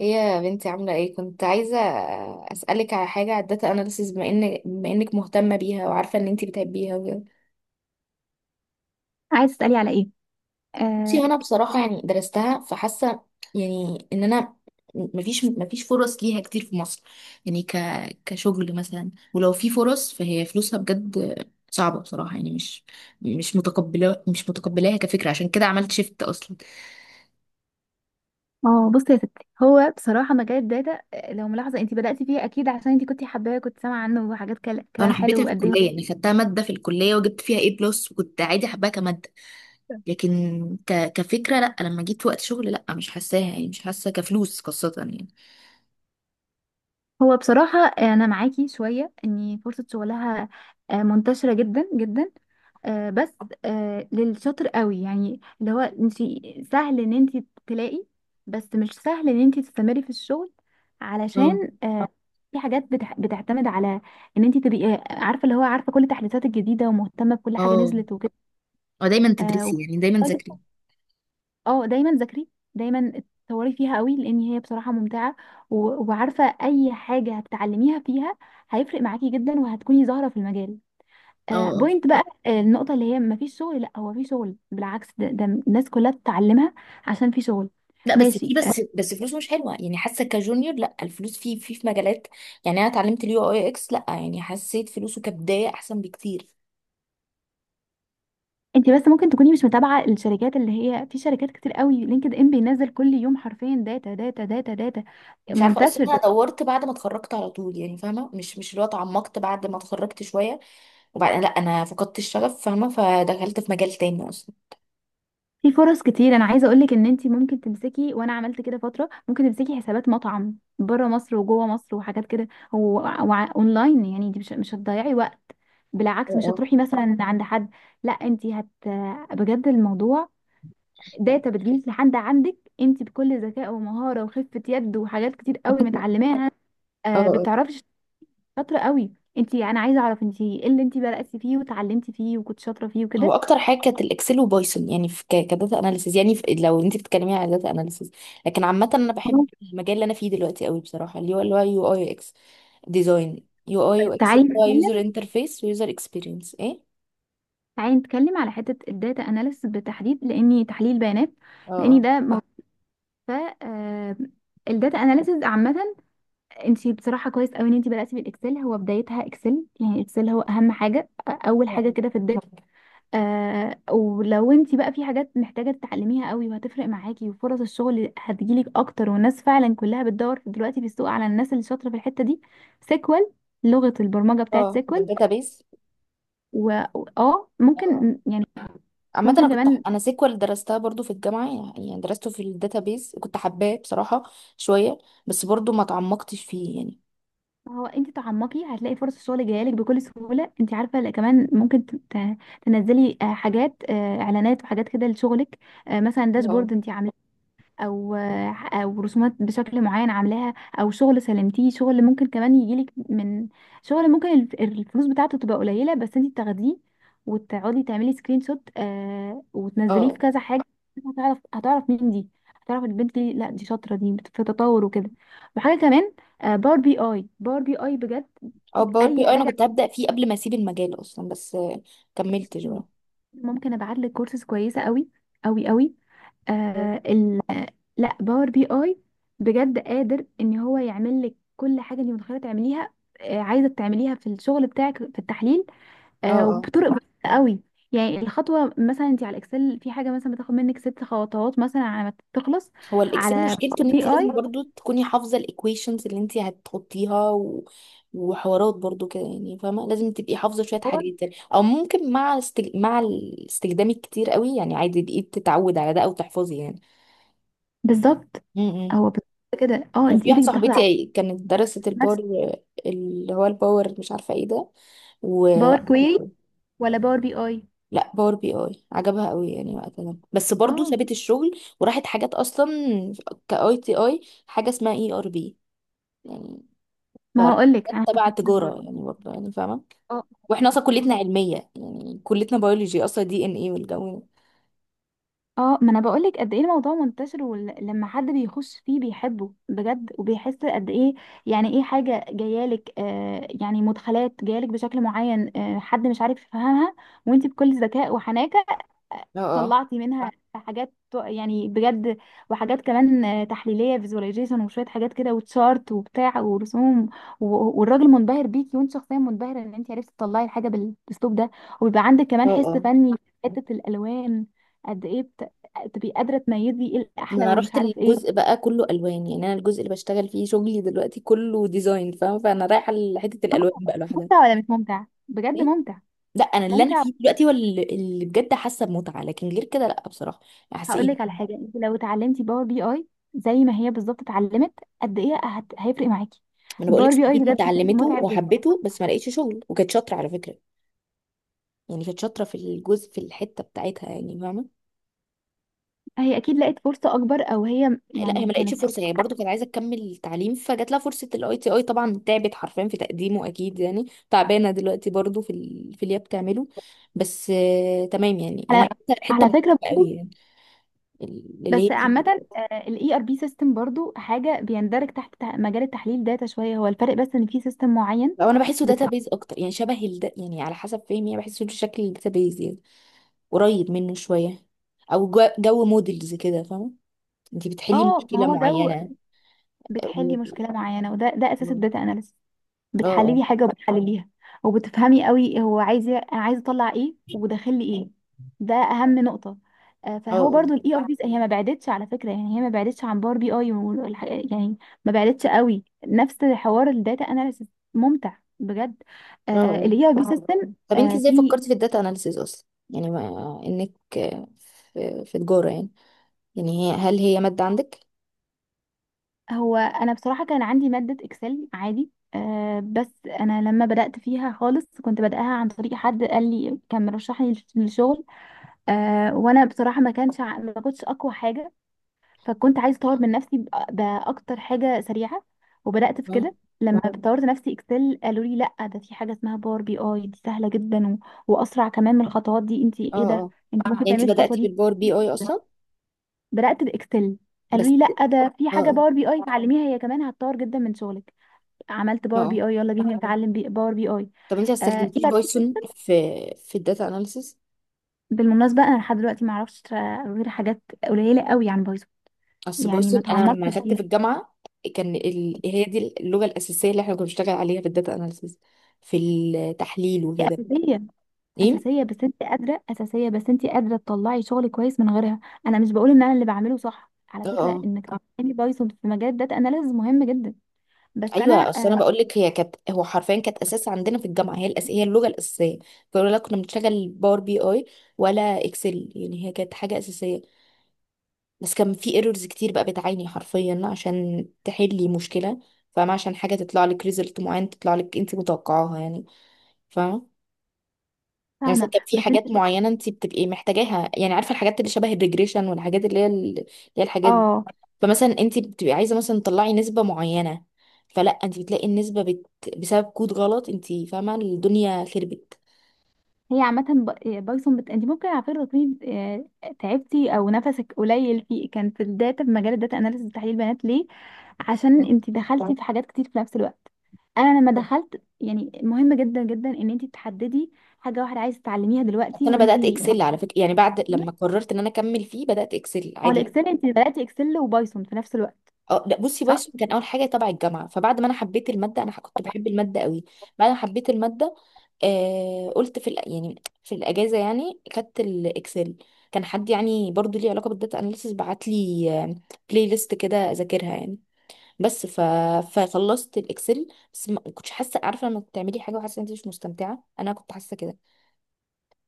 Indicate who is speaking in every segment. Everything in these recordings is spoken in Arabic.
Speaker 1: ايه يا بنتي، عاملة ايه؟ كنت عايزة اسألك على حاجة على الداتا اناليسيز، بما انك مهتمة بيها وعارفة ان انتي بتحبيها وكده.
Speaker 2: عايز تسألي على ايه؟
Speaker 1: بصي
Speaker 2: اه
Speaker 1: انا بصراحة يعني درستها، فحاسة يعني ان انا مفيش فرص ليها كتير في مصر، يعني كشغل مثلا. ولو في فرص فهي فلوسها بجد صعبة بصراحة، يعني مش متقبلاها كفكرة، عشان كده عملت شيفت اصلا.
Speaker 2: بصي يا ستي، هو بصراحة مجال الداتا، لو ملاحظة انت بدأتي فيه اكيد عشان انت كنتي حباه، كنت سامعة عنه وحاجات،
Speaker 1: انا
Speaker 2: كلام
Speaker 1: حبيتها
Speaker 2: حلو.
Speaker 1: في
Speaker 2: وقد ايه
Speaker 1: الكلية، يعني خدتها مادة في الكلية وجبت فيها ايه بلس، وكنت عادي حباها كمادة. لكن كفكرة لا، لما جيت وقت شغل لا، مش حاساها، يعني مش حاسة كفلوس خاصة يعني.
Speaker 2: هو بصراحة أنا معاكي شوية، إن فرصة شغلها منتشرة جدا جدا، بس للشاطر قوي، يعني اللي هو انت سهل ان انت تلاقي، بس مش سهل ان انت تستمري في الشغل، علشان
Speaker 1: اه،
Speaker 2: في حاجات بتعتمد على ان انت تبقي عارفة، اللي هو عارفة كل التحديثات الجديدة ومهتمة بكل حاجة
Speaker 1: اه،
Speaker 2: نزلت
Speaker 1: اه دايما تدرسي، يعني دايما
Speaker 2: وكده.
Speaker 1: تذاكري.
Speaker 2: اه، دايما ذاكري، دايما اتطوري فيها قوي، لان هي بصراحه ممتعه. وعارفه اي حاجه هتتعلميها فيها هيفرق معاكي جدا، وهتكوني ظاهره في المجال.
Speaker 1: اه، اه،
Speaker 2: بوينت بقى، النقطه اللي هي مفيش شغل، لا هو في شغل، بالعكس ده، ده الناس كلها بتتعلمها، عشان في شغل
Speaker 1: لا، بس في
Speaker 2: ماشي.
Speaker 1: بس بس فلوس مش حلوة، يعني حاسة كجونيور لا، الفلوس في مجالات. يعني انا اتعلمت اليو اي اكس، لا يعني حسيت فلوسه كبداية احسن بكتير.
Speaker 2: انت بس ممكن تكوني مش متابعه الشركات، اللي هي في شركات كتير قوي، لينكد ان بينزل كل يوم حرفيا داتا داتا داتا داتا،
Speaker 1: مش عارفة اصلا،
Speaker 2: منتشر.
Speaker 1: انا دورت بعد ما اتخرجت على طول، يعني فاهمة مش اللي هو اتعمقت بعد ما اتخرجت شوية. وبعد، لا، انا فقدت الشغف فاهمة، فدخلت في مجال تاني اصلا.
Speaker 2: في فرص كتير، انا عايزه اقولك ان انتي ممكن تمسكي، وانا عملت كده فتره، ممكن تمسكي حسابات مطعم بره مصر وجوه مصر وحاجات كده و- اونلاين، يعني انتي مش هتضيعي وقت، بالعكس، مش
Speaker 1: اه،
Speaker 2: هتروحي مثلا عند حد، لا انتي هت، بجد الموضوع داتا بتجيلك لحد عندك انتي، بكل ذكاء ومهاره وخفه يد وحاجات كتير قوي متعلماها.
Speaker 1: اه، اه.
Speaker 2: بتعرفي شاطره قوي. انتي، انا عايزه اعرف انتي ايه اللي انتي بداتي فيه وتعلمتي فيه وكنت شاطره فيه
Speaker 1: هو
Speaker 2: وكده؟
Speaker 1: اكتر حاجه كانت الاكسل وبايثون، يعني في كداتا اناليسيز، يعني في، لو انت بتتكلمي على داتا اناليسيز. لكن عامه انا بحب المجال اللي انا فيه دلوقتي قوي بصراحه، اللي هو يو اي يو اكس ديزاين. يو اي يو
Speaker 2: طيب
Speaker 1: اكس هو يوزر انترفيس ويوزر اكسبيرينس، ايه.
Speaker 2: تعالي نتكلم على حتة الداتا اناليسيس بالتحديد، لاني تحليل بيانات، لاني
Speaker 1: اه،
Speaker 2: ده موضوع، ف آه، الداتا اناليسيس عامة، انت بصراحة كويس قوي ان انت بدأتي بالاكسل، هو بدايتها اكسل، يعني اكسل هو اهم حاجة، اول حاجة
Speaker 1: اه،
Speaker 2: كده في الداتا. ولو انت بقى في حاجات محتاجة تتعلميها قوي وهتفرق معاكي وفرص الشغل هتجيلك اكتر، والناس فعلا كلها بتدور دلوقتي في السوق على الناس اللي شاطرة في الحتة دي، سيكوال، لغة البرمجة بتاعت
Speaker 1: اه
Speaker 2: سيكوال.
Speaker 1: الداتا بيز.
Speaker 2: و اه
Speaker 1: اه،
Speaker 2: ممكن يعني،
Speaker 1: عامة انا
Speaker 2: ممكن
Speaker 1: كنت،
Speaker 2: كمان،
Speaker 1: انا سيكوال درستها برضو في الجامعة، يعني درسته في الداتابيز، كنت حباه بصراحة شوية، بس برضو ما تعمقتش فيه يعني.
Speaker 2: ما هو انت تعمقي هتلاقي فرص الشغل جايه لك بكل سهوله، انت عارفه، لا كمان ممكن تنزلي حاجات، اعلانات وحاجات كده لشغلك، مثلا
Speaker 1: اه،
Speaker 2: داشبورد انت، او او رسومات بشكل معين عاملاها، او شغل سلمتيه. شغل ممكن كمان يجيلك من، شغل ممكن الفلوس بتاعته تبقى قليله بس انت تاخديه وتقعدي تعملي سكرين شوت وتنزليه في
Speaker 1: اه،
Speaker 2: كذا حاجه، هتعرف مين دي، هتعرف البنت دي، لا دي شاطره، دي في تطور وكده. وحاجه كمان، باور بي اي، باور بي اي بجد
Speaker 1: اه باور
Speaker 2: اي
Speaker 1: بي اي انا
Speaker 2: حاجه،
Speaker 1: كنت هبدأ فيه قبل ما اسيب المجال اصلا، بس كملتش بقى.
Speaker 2: ممكن ابعت لك كورسز كويسه قوي، قوي قوي
Speaker 1: اه،
Speaker 2: آه ال... لا باور بي اي بجد قادر ان هو يعمل لك كل حاجه انت متخيله تعمليها، عايزه تعمليها في الشغل بتاعك في التحليل،
Speaker 1: اه،
Speaker 2: وبطرق بسيطه قوي. يعني الخطوه مثلا انت على الاكسل في حاجه مثلا بتاخد منك ست خطوات مثلا على ما تخلص،
Speaker 1: هو الاكسل
Speaker 2: على
Speaker 1: مشكلته ان انت
Speaker 2: بي اي
Speaker 1: لازم برضو تكوني حافظه الايكويشنز اللي انت هتحطيها وحوارات برضو كده، يعني فاهمه لازم تبقي حافظه شويه
Speaker 2: هو
Speaker 1: حاجات يعني، او ممكن مع مع الاستخدام الكتير قوي، يعني عادي بقيت تتعود على ده او تحفظي يعني.
Speaker 2: بالظبط
Speaker 1: امم
Speaker 2: هو بالظبط كده، اه انت
Speaker 1: وفي واحده
Speaker 2: ايدك بتاخد على
Speaker 1: صاحبتي كانت درست الباور،
Speaker 2: نفس،
Speaker 1: اللي هو الباور مش عارفه ايه ده و...
Speaker 2: باور كويري ولا باور بي اي؟
Speaker 1: لا، باور بي اي عجبها قوي يعني وقتها، بس برضو
Speaker 2: اه،
Speaker 1: سابت الشغل وراحت حاجات اصلا. كاي تي اي، حاجه اسمها اي ار بي يعني،
Speaker 2: ما
Speaker 1: فراحت
Speaker 2: هقول لك، انا
Speaker 1: تبع
Speaker 2: هفهمك برضه.
Speaker 1: تجاره يعني، برضو يعني فاهمه.
Speaker 2: اه
Speaker 1: واحنا اصلا كليتنا علميه، يعني كليتنا بيولوجي اصلا، دي ان اي والجو.
Speaker 2: اه، ما انا بقولك قد ايه الموضوع منتشر، ولما حد بيخش فيه بيحبه بجد، وبيحس قد ايه. يعني ايه حاجة جايالك، يعني مدخلات جايالك بشكل معين، حد مش عارف يفهمها، وانت بكل ذكاء وحنان
Speaker 1: ده. اه، اه،
Speaker 2: طلعتي منها صح؟ يعني بجد، وحاجات كمان تحليليه، فيزواليزيشن وشويه حاجات كده، وتشارت وبتاع ورسوم، والراجل منبهر بيكي، وانت شخصيا منبهره ان انت عرفتي تطلعي الحاجه بالاسلوب ده، وبيبقى عندك كمان
Speaker 1: اه،
Speaker 2: حس
Speaker 1: اه،
Speaker 2: فني في حته الالوان. قد ايه بت... تبقي قادره تميزي ايه
Speaker 1: ما
Speaker 2: الاحلى،
Speaker 1: انا
Speaker 2: ومش
Speaker 1: رحت
Speaker 2: عارف ايه.
Speaker 1: الجزء بقى كله الوان، يعني انا الجزء اللي بشتغل فيه شغلي دلوقتي كله ديزاين فاهمه، فانا رايحه لحته
Speaker 2: آه،
Speaker 1: الالوان بقى لوحدها.
Speaker 2: ممتع ولا مش ممتع؟ بجد
Speaker 1: ايه،
Speaker 2: ممتع،
Speaker 1: لا انا اللي انا
Speaker 2: ممتع.
Speaker 1: فيه دلوقتي هو اللي بجد حاسه بمتعه، لكن غير كده لا بصراحه حاسه.
Speaker 2: هقول لك على حاجه، انت لو اتعلمتي باور بي اي زي ما هي بالظبط اتعلمت، هيفرق معاكي
Speaker 1: ما انا بقولك
Speaker 2: باور بي اي
Speaker 1: صاحبتي
Speaker 2: بجد.
Speaker 1: اتعلمته
Speaker 2: متعب جدا.
Speaker 1: وحبته، بس ما لقيتش شغل، وكانت شاطره على فكره. يعني كانت شاطره في الجزء، في الحته بتاعتها، يعني فاهمه.
Speaker 2: هي اكيد لقت فرصه اكبر، او هي
Speaker 1: لا، هي
Speaker 2: يعني
Speaker 1: ما لقيتش
Speaker 2: كانت،
Speaker 1: فرصه، هي برضو كانت عايزه تكمل تعليم، فجات لها فرصه الاي تي اي، طبعا تعبت حرفيا في تقديمه اكيد، يعني تعبانه دلوقتي برضو في اللي هي بتعمله. بس تمام يعني
Speaker 2: على
Speaker 1: حته حته
Speaker 2: على فكره
Speaker 1: محترمه قوي
Speaker 2: برضو،
Speaker 1: يعني اللي
Speaker 2: بس
Speaker 1: هي فيه.
Speaker 2: عامه الاي ار بي سيستم برضو حاجه بيندرج تحت مجال التحليل داتا، شويه هو الفرق، بس ان في سيستم معين
Speaker 1: او انا بحسه
Speaker 2: بت...
Speaker 1: داتابيز اكتر، يعني شبه يعني على حسب فهمي، يعني بحسه شكل الداتابيز، يعني قريب منه شويه. او جو موديلز كده فاهمه، انت بتحلي
Speaker 2: اه ما
Speaker 1: مشكلة
Speaker 2: هو ده،
Speaker 1: معينة و...
Speaker 2: بتحلي مشكله معينه، وده ده اساس
Speaker 1: و-
Speaker 2: الداتا اناليسيس،
Speaker 1: اه، اه،
Speaker 2: بتحللي حاجه وبتحلليها، وبتفهمي قوي هو عايز، انا عايز اطلع ايه وداخل لي ايه. ده اهم نقطه.
Speaker 1: اه،
Speaker 2: فهو
Speaker 1: اه،
Speaker 2: برضو الاي هي ما بعدتش على فكره، يعني هي ما بعدتش عن باور بي اي يعني، ما بعدتش قوي، نفس حوار الداتا اناليسيس، ممتع بجد،
Speaker 1: اه، آه.
Speaker 2: الاي اي بي سيستم.
Speaker 1: طب انت ازاي
Speaker 2: في
Speaker 1: فكرتي في الداتا اناليسيز اصلا، يعني ما انك آه، في، في تجارة يعني هل هي مادة عندك؟
Speaker 2: هو انا بصراحه كان عندي ماده اكسل عادي، بس انا لما بدات فيها خالص كنت بدأها عن طريق حد قال لي، كان مرشحني للشغل. وانا بصراحه ما كانش ع- ما كنتش اقوى حاجه، فكنت عايزه اطور من نفسي باكتر حاجه سريعه، وبدات في
Speaker 1: اه،
Speaker 2: كده. لما اه طورت نفسي اكسل، قالوا لي لا ده في حاجه اسمها باور بي اي، دي سهله جدا، واسرع كمان من الخطوات دي، انت
Speaker 1: اه،
Speaker 2: ايه ده،
Speaker 1: اه،
Speaker 2: انت ممكن
Speaker 1: يعني
Speaker 2: تعملي
Speaker 1: انت
Speaker 2: الخطوه
Speaker 1: بدأتي
Speaker 2: دي.
Speaker 1: بالباور بي اي اصلا؟
Speaker 2: بدات باكسل، قالوا
Speaker 1: بس
Speaker 2: لي لا ده في
Speaker 1: اه،
Speaker 2: حاجه
Speaker 1: اه،
Speaker 2: باور بي اي اتعلميها هي كمان هتطور جدا من شغلك. عملت
Speaker 1: اه،
Speaker 2: باور
Speaker 1: آه.
Speaker 2: بي اي، يلا بينا نتعلم باور بي اي.
Speaker 1: طب انت ما
Speaker 2: آه
Speaker 1: استخدمتيش
Speaker 2: إلى-
Speaker 1: بايثون في الداتا اناليسيز؟
Speaker 2: بالمناسبه انا لحد دلوقتي ما اعرفش غير حاجات قليله قوي عن بايثون،
Speaker 1: اصل
Speaker 2: يعني
Speaker 1: بايثون
Speaker 2: ما
Speaker 1: انا لما
Speaker 2: تعمقتش.
Speaker 1: اخدت في الجامعة كان هي دي اللغة الأساسية اللي احنا كنا بنشتغل عليها في الداتا اناليسيز، في التحليل
Speaker 2: هي
Speaker 1: وكده.
Speaker 2: اساسيه،
Speaker 1: ايه؟
Speaker 2: اساسيه بس انت قادره تطلعي شغل كويس من غيرها. انا مش بقول ان انا اللي بعمله صح على
Speaker 1: اه،
Speaker 2: فكره،
Speaker 1: اه.
Speaker 2: انك اه تتعلمي بايثون في مجال داتا اناليسز مهم جدا، بس انا
Speaker 1: ايوه، اصل انا بقول لك هي كانت، هو حرفيا كانت اساس عندنا في الجامعه، هي هي اللغه الاساسيه، فيقولوا لا، كنا بنشتغل باور بي اي ولا اكسل، يعني هي كانت حاجه اساسيه. بس كان في ايرورز كتير، بقى بتعاني حرفيا عشان تحلي مشكله، فاهمه، عشان حاجه تطلع لك ريزلت معين تطلع لك انت متوقعاها يعني، فاهمه. يعني مثلا
Speaker 2: فاهمه.
Speaker 1: كان في
Speaker 2: بس انت
Speaker 1: حاجات معينه انت بتبقي محتاجاها، يعني عارفه الحاجات اللي شبه الريجريشن، والحاجات اللي هي اللي هي الحاجات.
Speaker 2: اه
Speaker 1: فمثلا انت بتبقي عايزه مثلا تطلعي نسبه معينه، فلا، انت بتلاقي النسبه بسبب كود غلط انت فاهمه، الدنيا خربت.
Speaker 2: هي عامه بايثون انت ممكن على فكره تكوني تعبتي او نفسك قليل في مجال الداتا اناليسز تحليل بيانات، ليه؟ عشان انت دخلتي في حاجات كتير في نفس الوقت. انا لما دخلت، يعني مهم جدا جدا ان انت تحددي حاجه واحده عايزه تتعلميها
Speaker 1: بس
Speaker 2: دلوقتي
Speaker 1: انا
Speaker 2: وانت،
Speaker 1: بدات اكسل على فكره، يعني بعد
Speaker 2: لا،
Speaker 1: لما قررت ان انا اكمل فيه بدات اكسل
Speaker 2: هو
Speaker 1: عادي.
Speaker 2: الاكسل انت بدأتي اكسل وبايثون في نفس الوقت،
Speaker 1: اه، لا، بصي
Speaker 2: صح.
Speaker 1: بايثون كان اول حاجه تبع الجامعه، فبعد ما انا حبيت الماده، انا كنت بحب الماده قوي. بعد ما حبيت الماده، قلت يعني في الاجازه، يعني خدت الاكسل. كان حد يعني برضو ليه علاقه بالداتا اناليسيس بعت لي بلاي ليست كده اذاكرها يعني، بس ف... فخلصت الاكسل. بس ما كنتش حاسه، عارفه لما بتعملي حاجه وحاسه ان انت مش مستمتعه، انا كنت حاسه كده.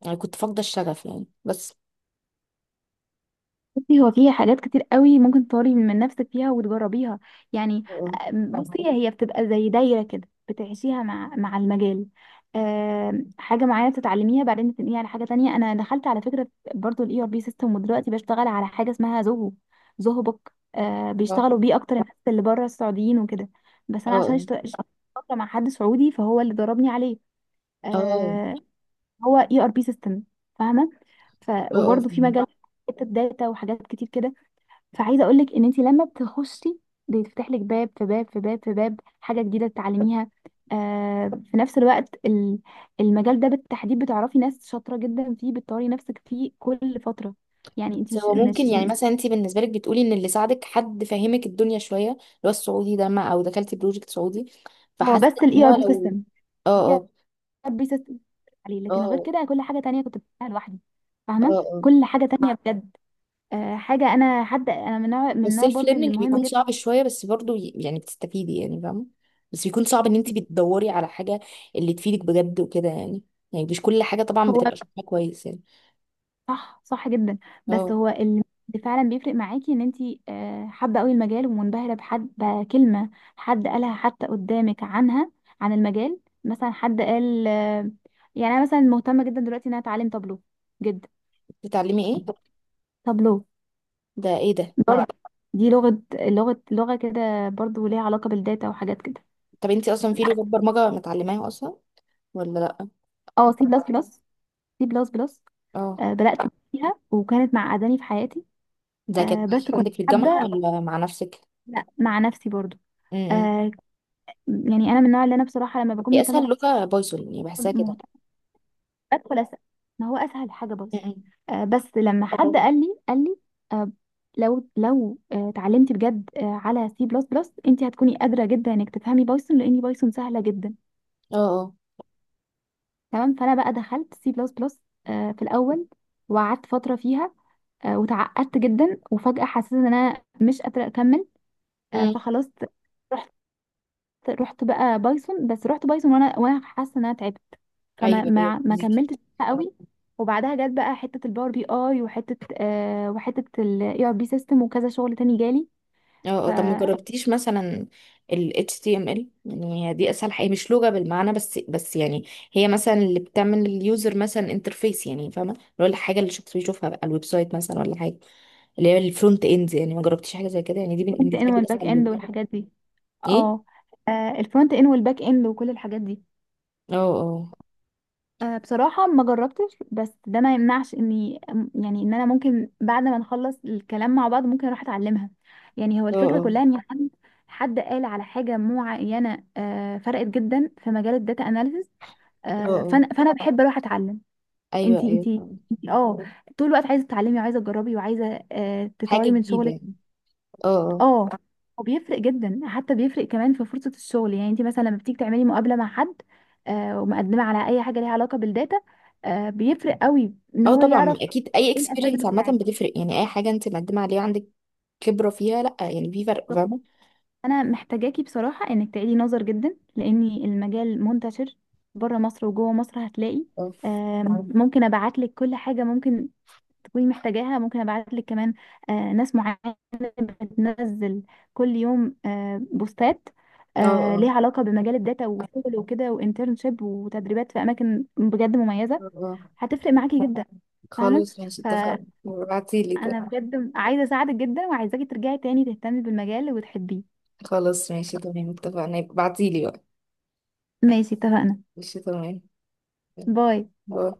Speaker 1: انا كنت فاقده الشغف يعني، بس
Speaker 2: بصي هو فيها حاجات كتير قوي ممكن تطوري من نفسك فيها وتجربيها، يعني.
Speaker 1: اه،
Speaker 2: بصي هي بتبقى زي دايرة كده، بتعيشيها مع المجال، حاجة معينة بتتعلميها بعدين بتنقليها على حاجة تانية. أنا دخلت على فكرة برضو ال ERP سيستم، ودلوقتي بشتغل على حاجة اسمها زوهو، زوهو بوك،
Speaker 1: اه،
Speaker 2: بيشتغلوا بيه أكتر الناس اللي بره السعوديين وكده، بس أنا عشان
Speaker 1: اه،
Speaker 2: اشتغلت فترة مع حد سعودي فهو اللي دربني عليه.
Speaker 1: اه،
Speaker 2: آه، هو اي ار بي سيستم، فاهمه. ف
Speaker 1: اه
Speaker 2: وبرضه في
Speaker 1: فهمك.
Speaker 2: مجال حته داتا وحاجات كتير كده. فعايزه اقول لك ان انت لما بتخشي بيتفتح لك باب في باب في باب في باب، حاجه جديده تتعلميها، في نفس الوقت المجال ده بالتحديد بتعرفي ناس شاطره جدا فيه، بتطوري نفسك فيه كل فتره، يعني انت
Speaker 1: بس
Speaker 2: مش
Speaker 1: هو ممكن،
Speaker 2: مش
Speaker 1: يعني مثلا انت بالنسبه لك بتقولي ان اللي ساعدك حد فاهمك الدنيا شويه، اللي هو السعودي ده، ما او دخلتي بروجكت سعودي،
Speaker 2: هو
Speaker 1: فحاسه
Speaker 2: بس
Speaker 1: ان
Speaker 2: الاي
Speaker 1: هو
Speaker 2: ار بي
Speaker 1: لو.
Speaker 2: سيستم، الاي
Speaker 1: اه،
Speaker 2: ار بي سيستم عليه، لكن غير
Speaker 1: اه،
Speaker 2: كده كل حاجه تانية كنت بتعملها لوحدي،
Speaker 1: اه،
Speaker 2: فاهمه،
Speaker 1: اه،
Speaker 2: كل حاجه تانية بجد. حاجة، أنا من نوع، من النوع
Speaker 1: والسيلف
Speaker 2: برضو اللي
Speaker 1: ليرنينج
Speaker 2: مهم
Speaker 1: بيكون
Speaker 2: جدا.
Speaker 1: صعب شويه، بس برضو يعني بتستفيدي يعني فاهمه. بس بيكون صعب ان انت بتدوري على حاجه اللي تفيدك بجد وكده يعني مش كل حاجه طبعا
Speaker 2: هو
Speaker 1: بتبقى شايفاها كويس يعني.
Speaker 2: صح، صح جدا، بس
Speaker 1: اه،
Speaker 2: هو اللي فعلا بيفرق معاكي إن أنتي حابة أوي المجال، ومنبهرة بحد بكلمة حد قالها حتى قدامك عنها، عن المجال. مثلا حد قال يعني أنا مثلا مهتمة جدا دلوقتي إن أنا أتعلم طابلو، جدا.
Speaker 1: بتتعلمي ايه؟
Speaker 2: طابلو
Speaker 1: ده ايه ده؟
Speaker 2: برضو، دي لغة لغة كده برضو ليها علاقة بالداتا وحاجات كده.
Speaker 1: طب انت اصلا في لغه برمجه متعلماها اصلا ولا لا؟
Speaker 2: اه، سي بلس بلس، سي بلس بلس،
Speaker 1: اه،
Speaker 2: بدأت فيها وكانت معقداني في حياتي،
Speaker 1: ده كانت
Speaker 2: بس كنت
Speaker 1: عندك في الجامعه
Speaker 2: حابة.
Speaker 1: ولا مع نفسك؟
Speaker 2: لا مع نفسي برضو.
Speaker 1: امم
Speaker 2: آه يعني أنا من النوع اللي أنا بصراحة لما بكون
Speaker 1: هي اسهل
Speaker 2: مهتمة
Speaker 1: لغه بايثون، يعني بحسها
Speaker 2: مهتمة
Speaker 1: كده.
Speaker 2: بدخل أسأل، ما هو أسهل حاجة. بس
Speaker 1: امم،
Speaker 2: بس لما حد قال لي آه لو اتعلمتي بجد على سي بلس بلس، أنت هتكوني قادرة جدا إنك تفهمي بايثون، لأن بايثون سهلة جدا.
Speaker 1: اه، اه،
Speaker 2: تمام، فأنا بقى دخلت سي بلس بلس في الأول، وقعدت فترة فيها وتعقدت جدا، وفجأة حسيت إن أنا مش قادرة أكمل.
Speaker 1: امم،
Speaker 2: فخلاص رحت بقى بايثون، بس رحت بايثون وانا حاسه ان انا تعبت، فما
Speaker 1: ايوه، ايوه
Speaker 2: ما, ما
Speaker 1: فهمك.
Speaker 2: كملتش بقى قوي. وبعدها جت بقى حته الباور بي اي، وحته وحته الاي ار بي سيستم، وكذا شغل تاني جالي،
Speaker 1: اه، آه، طب ما
Speaker 2: فالفرونت
Speaker 1: جربتيش مثلا ال HTML؟ يعني هي دي اسهل حاجه، مش لغه بالمعنى، بس يعني. هي مثلا اللي بتعمل اليوزر مثلا انترفيس، يعني فاهمه، اللي هو الحاجه اللي الشخص بيشوفها بقى الويب سايت مثلا ولا حاجه، اللي هي الفرونت اند. يعني ما جربتيش حاجه زي كده؟ يعني دي
Speaker 2: اند
Speaker 1: بالنسبه لي
Speaker 2: والباك
Speaker 1: اسهل
Speaker 2: اند
Speaker 1: لغه.
Speaker 2: والحاجات دي.
Speaker 1: ايه،
Speaker 2: اه الفرونت اند والباك اند وكل الحاجات دي
Speaker 1: اه، اه،
Speaker 2: أه بصراحة ما جربتش، بس ده ما يمنعش اني، يعني ان انا ممكن بعد ما نخلص الكلام مع بعض ممكن اروح اتعلمها. يعني هو
Speaker 1: اه،
Speaker 2: الفكرة
Speaker 1: اه،
Speaker 2: كلها ان حد قال على حاجة معينة أه فرقت جدا في مجال الداتا اناليسز،
Speaker 1: اه،
Speaker 2: أه
Speaker 1: آه.
Speaker 2: فانا بحب اروح اتعلم.
Speaker 1: ايوه،
Speaker 2: انتي
Speaker 1: ايوه
Speaker 2: انتي
Speaker 1: فاهمه،
Speaker 2: انتي طول الوقت عايزة تتعلمي، وعايزة تجربي، وعايزة أه
Speaker 1: حاجه
Speaker 2: تطوري من
Speaker 1: جديده
Speaker 2: شغلك.
Speaker 1: يعني. اه، اه،
Speaker 2: اه، وبيفرق جدا، حتى بيفرق كمان في فرصة الشغل. يعني انت مثلا لما بتيجي تعملي مقابلة مع حد، ومقدمة على اي حاجة ليها علاقة بالداتا، بيفرق قوي ان
Speaker 1: اه،
Speaker 2: هو
Speaker 1: طبعا
Speaker 2: يعرف
Speaker 1: اكيد اي
Speaker 2: ايه الاساس
Speaker 1: اكسبيرينس عامه
Speaker 2: بتاعك.
Speaker 1: بتفرق، يعني اي حاجه انت مقدمه عليها عندك خبره فيها، لا يعني في فرق فاهمه.
Speaker 2: انا محتاجاكي بصراحة انك تعيدي نظر جدا، لان المجال منتشر بره مصر وجوه مصر، هتلاقي
Speaker 1: اه،
Speaker 2: آه، ممكن ابعت لك كل حاجة ممكن تكوني محتاجاها، ممكن ابعت لك كمان ناس معينه بتنزل كل يوم بوستات
Speaker 1: اه، اه،
Speaker 2: ليها علاقه بمجال الداتا، وشغل وكده وانترنشيب وتدريبات في اماكن بجد مميزه،
Speaker 1: اه،
Speaker 2: هتفرق معاكي جدا، فاهمه.
Speaker 1: خلاص ماشي
Speaker 2: فانا
Speaker 1: اتفقنا، ابعتيلي طيب.
Speaker 2: بجد عايزه اساعدك جدا، وعايزاكي ترجعي تاني تهتمي بالمجال وتحبيه.
Speaker 1: خلاص ماشي تمام، اتفقنا ابعتيلي بقى.
Speaker 2: ماشي، اتفقنا.
Speaker 1: ماشي تمام.
Speaker 2: باي.
Speaker 1: باي.